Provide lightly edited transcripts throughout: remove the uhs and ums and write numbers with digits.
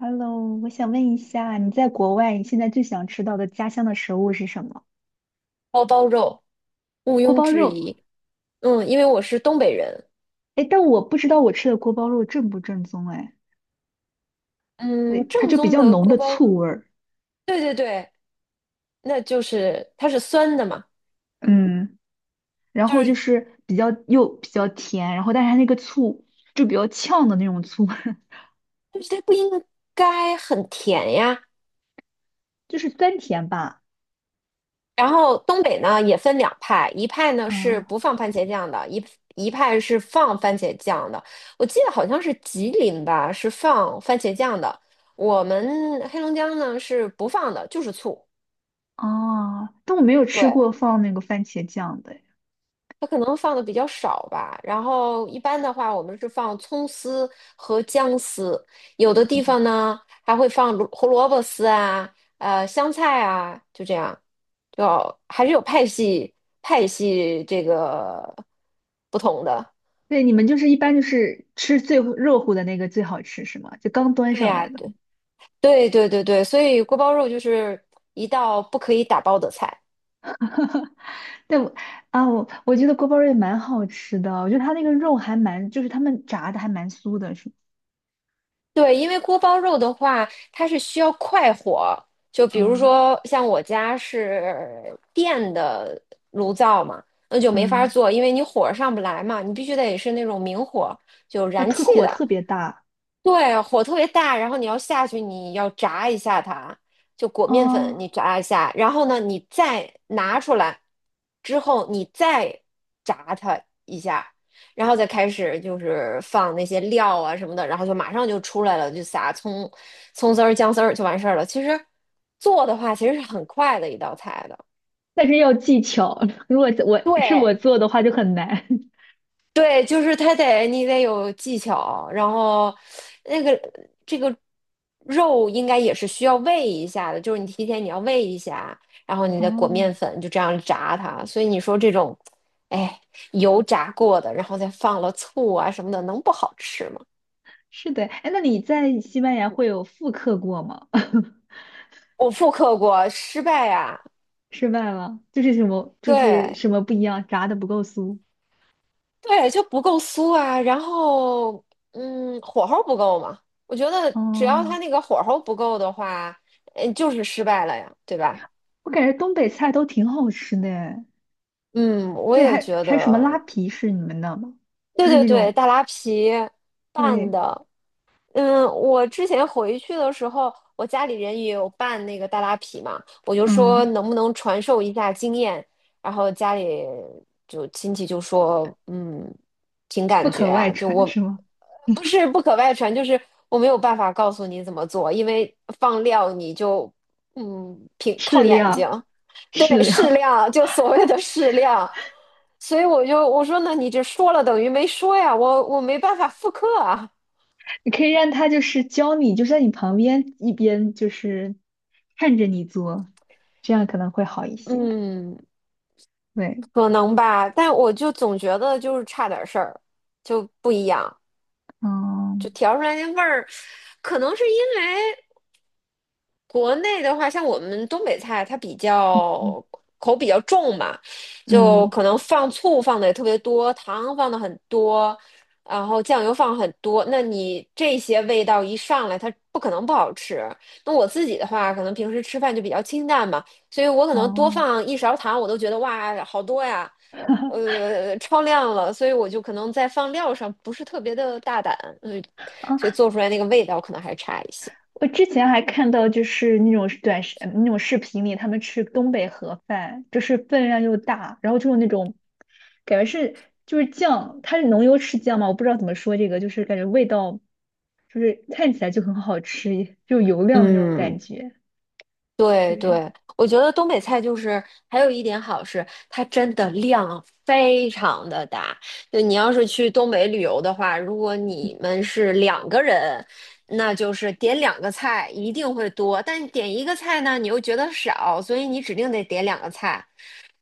Hello,我想问一下，你在国外，你现在最想吃到的家乡的食物是什么？锅包肉，毋锅庸包置肉。疑。嗯，因为我是东北人，哎，但我不知道我吃的锅包肉正不正宗哎，对，嗯，它正就比宗较的浓锅的包肉醋味儿，对对对，那就是它是酸的嘛，嗯，然就后就是是比较又比较甜，然后但是它那个醋就比较呛的那种醋，就是它不应该很甜呀。就是酸甜吧，然后东北呢也分两派，一派呢是嗯，不放番茄酱的，一派是放番茄酱的。我记得好像是吉林吧，是放番茄酱的。我们黑龙江呢是不放的，就是醋。哦，但我没有吃对。过放那个番茄酱的诶它可能放的比较少吧，然后一般的话，我们是放葱丝和姜丝，有的地方呢还会放胡萝卜丝啊，香菜啊，就这样，就还是有派系派系这个不同的。对，你们就是一般就是吃最热乎的那个最好吃是吗？就刚端对上呀，来的。对对对对对，所以锅包肉就是一道不可以打包的菜。对我啊，我觉得锅包肉也蛮好吃的，我觉得它那个肉还蛮，就是他们炸的还蛮酥的，是，对，因为锅包肉的话，它是需要快火。就比如嗯说，像我家是电的炉灶嘛，那就没法儿嗯，做，因为你火儿上不来嘛，你必须得是那种明火，就要燃气的。特别大对，火特别大，然后你要下去，你要炸一下它，就裹面粉，哦，你炸一下，然后呢，你再拿出来之后，你再炸它一下，然后再开始就是放那些料啊什么的，然后就马上就出来了，就撒葱、葱丝儿、姜丝儿就完事儿了。其实做的话，其实是很快的一道菜的。但是要技巧，如果我是我对做的话就很难。对，就是它得你得有技巧，然后那个这个肉应该也是需要煨一下的，就是你提前你要煨一下，然后你再裹哦，面粉，就这样炸它。所以你说这种，哎，油炸过的，然后再放了醋啊什么的，能不好吃吗？是的，哎，那你在西班牙会有复刻过吗？我复刻过，失败呀、失败了，就是什么就是对什么不一样，炸的不够酥。对，就不够酥啊，然后嗯，火候不够嘛，我觉得只要哦，它那个火候不够的话，嗯，就是失败了呀，对吧？我感觉东北菜都挺好吃的诶，嗯，我对，也还觉还有什么拉得，皮是你们的吗？对就是对那对，种大拉皮拌对。的，嗯，我之前回去的时候，我家里人也有办那个大拉皮嘛，我就说嗯，能不能传授一下经验，然后家里就亲戚就说，嗯，凭不感觉可外啊，就传我是吗？不是不可外传，就是我没有办法告诉你怎么做，因为放料你就嗯凭适靠眼量，睛，适对，适量，量，就所谓的适量，所以我说那你这说了等于没说呀，我没办法复刻啊，你可以让他就是教你，就在你旁边，一边就是看着你做，这样可能会好一些。嗯。对，可能吧，但我就总觉得就是差点事儿，就不一样，就嗯调出来那味儿，可能是因为。国内的话，像我们东北菜，它比较口比较重嘛，就嗯可能放醋放的也特别多，糖放的很多，然后酱油放很多。那你这些味道一上来，它不可能不好吃。那我自己的话，可能平时吃饭就比较清淡嘛，所以我可能多哦。放一勺糖，我都觉得哇，好多呀，超量了。所以我就可能在放料上不是特别的大胆，嗯，哦所以啊做出来那个味道可能还差一些。我之前还看到就是那种那种视频里，他们吃东北盒饭，就是分量又大，然后就是那种感觉是就是酱，它是浓油赤酱嘛，我不知道怎么说这个，就是感觉味道就是看起来就很好吃，就油亮的那种感嗯。觉。对对，对，我觉得东北菜就是还有一点好是，它真的量非常的大。就你要是去东北旅游的话，如果你们是两个人，那就是点两个菜一定会多，但点一个菜呢，你又觉得少，所以你指定得点两个菜。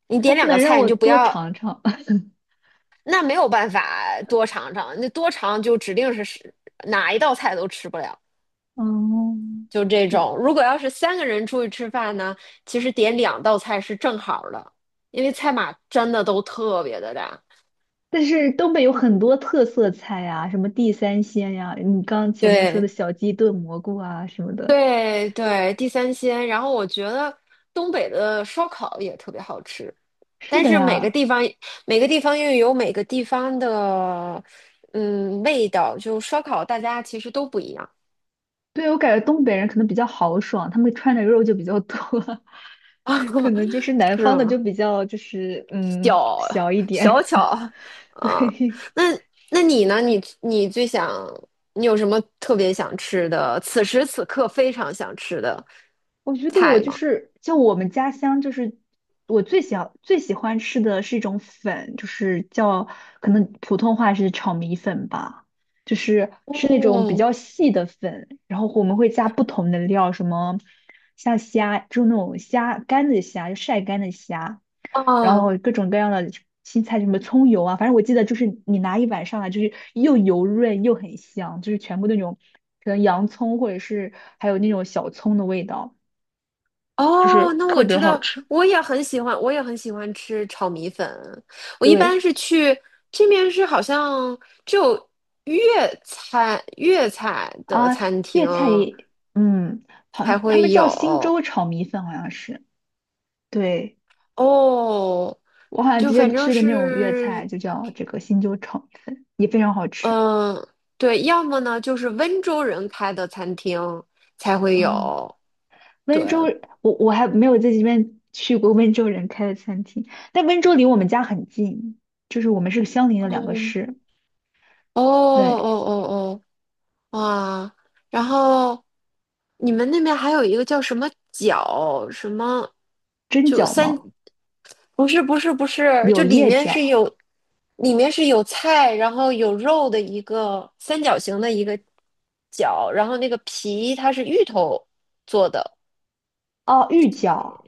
你它点不两个能让菜，你我就不多要，尝尝。那没有办法多尝尝，那多尝就指定是哪一道菜都吃不了。嗯，就这嗯种。如果要是三个人出去吃饭呢，其实点两道菜是正好的，因为菜码真的都特别的大。但是东北有很多特色菜呀，什么地三鲜呀，你刚前面说的对小鸡炖蘑菇啊什么的。对对，地三鲜。然后我觉得东北的烧烤也特别好吃，是但的是每个呀。地方每个地方又有每个地方的嗯味道，就烧烤大家其实都不一样。对，我感觉东北人可能比较豪爽，他们穿的肉就比较多，可能就是 南是方的就吗？比较就是嗯屌，小一点。小巧 啊。对，那那你呢？你最想，你有什么特别想吃的，此时此刻非常想吃的我觉得我菜就吗？是像我们家乡，就是我最喜最喜欢吃的是一种粉，就是叫可能普通话是炒米粉吧，就是那种比哦，较细的粉，然后我们会加不同的料，什么像虾，就那种虾干的虾，就晒干的虾。然哦，后各种各样的青菜，什么葱油啊，反正我记得就是你拿一碗上来，就是又油润又很香，就是全部那种可能洋葱或者是还有那种小葱的味道。就是哦，那特我别知好道，吃。我也很喜欢，我也很喜欢吃炒米粉。我一般对是去这边是好像只有粤菜粤菜的啊，餐粤厅菜也，嗯，好才像他会们有叫新洲炒米粉，好像是。对，哦，我好像之就反前正吃的那种粤菜是就叫这个新洲炒米粉，也非常好吃嗯，对，要么呢就是温州人开的餐厅才会啊。有。对，温州，我还没有在这边去过温州人开的餐厅，但温州离我们家很近，就是我们是相邻的两个嗯，市。哦哦对，哦哦，哇，然后你们那边还有一个叫什么饺什么，蒸就饺三，吗？不是，就柳里叶面饺，是有，里面是有菜，然后有肉的一个三角形的一个饺，然后那个皮它是芋头做的。哦，玉饺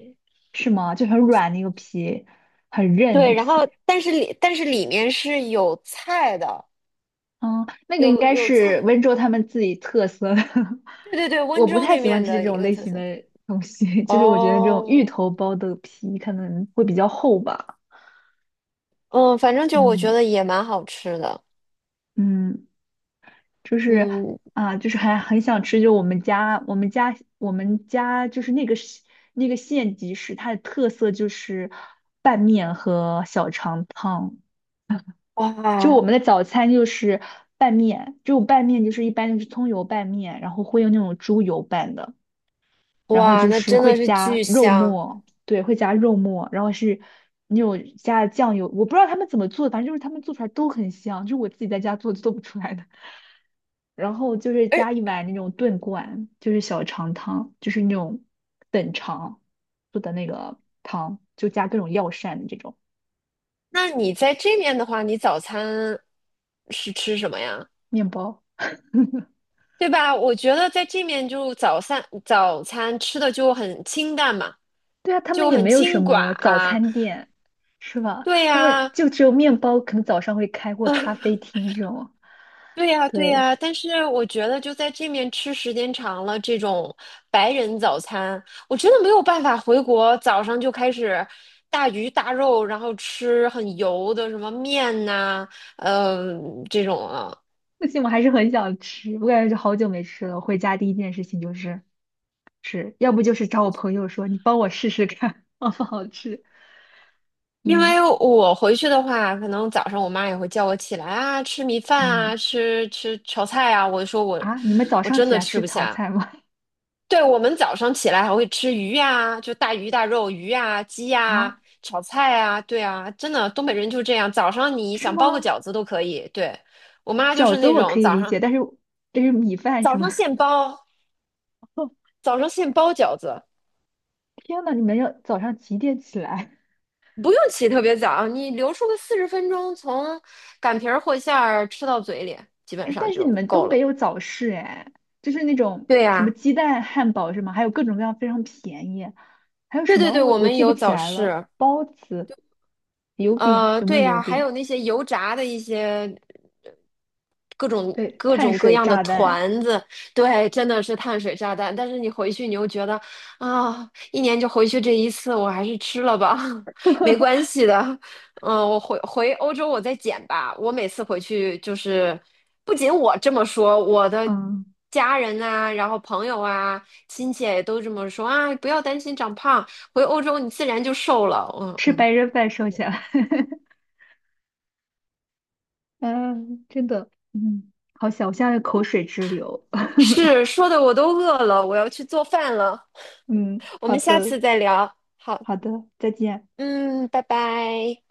是吗？就很软那个皮，很韧的对，然后皮。但是里面是有菜的，嗯，那个有应该有菜，是温州他们自己特色的。对对对，我温不州太那喜欢面吃这的一种个类特型色。的东西，就是我觉得这种芋哦，头包的皮可能会比较厚吧。嗯，反正就我觉嗯得也蛮好吃的。嗯。就是嗯，啊，就是还很想吃，就我们家就是那个县级市，它的特色就是拌面和小肠汤。就我哇们的早餐就是拌面，就拌面就是一般就是葱油拌面，然后会用那种猪油拌的，然后哇，就那是真会的是加巨肉香。末，对，会加肉末，然后是那种加酱油，我不知道他们怎么做，反正就是他们做出来都很香，就是我自己在家做就做不出来的。然后就是加一而碗那种炖罐，就是小肠汤，就是那种等长做的那个汤，就加各种药膳的这种那你在这面的话，你早餐是吃什么呀？面包。对吧？我觉得在这面就早餐吃的就很清淡嘛，对啊，他们就也很没有什清寡么早啊。餐店，是吧？对他们呀、就只有面包，可能早上会开或咖啡厅这种。对呀，对对，呀，但是我觉得就在这面吃时间长了，这种白人早餐，我真的没有办法回国早上就开始大鱼大肉，然后吃很油的什么面呐、呃这种啊。不行，我还是很想吃，我感觉就好久没吃了。回家第一件事情就是吃，要不就是找我朋友说你帮我试试看 好不好吃。因嗯为我回去的话，可能早上我妈也会叫我起来啊，吃米饭嗯，啊，吃炒菜啊，我就说啊，你们早我上真起的来吃吃不炒下。菜吗？对，我们早上起来还会吃鱼呀、就大鱼大肉、鱼呀、鸡啊，呀、炒菜啊，对啊，真的，东北人就这样，早上你是想包个吗？饺子都可以。对，我妈就饺是子那我种可以早理解，上但是这是米饭是早上吗？现 包，早上现包饺子，天呐，你们要早上几点起来？不用起特别早，你留出个40分钟，从擀皮儿和馅儿吃到嘴里，基本哎，上但是你就们够东北了。有早市哎，就是那种对什么呀、鸡蛋汉堡是吗？还有各种各样非常便宜，还有对什对么对，我我我们记不有起早来了，市。包子、油饼有没有对油呀，还有饼？那些油炸的一些各种对，各碳种各水样的炸弹，团子，对，真的是碳水炸弹。但是你回去，你又觉得啊，一年就回去这一次，我还是吃了吧，没关系的。嗯，我回欧洲我再减吧。我每次回去就是，不仅我这么说，我的嗯，家人啊，然后朋友啊、亲戚也都这么说啊，不要担心长胖，回欧洲你自然就瘦了。嗯吃嗯。白人饭瘦下来，嗯，真的，嗯，好想，我现在口水直流，是，说的我都饿了，我要去做饭了。嗯，我好们下的，次再聊。好，好的，再见。嗯，拜拜。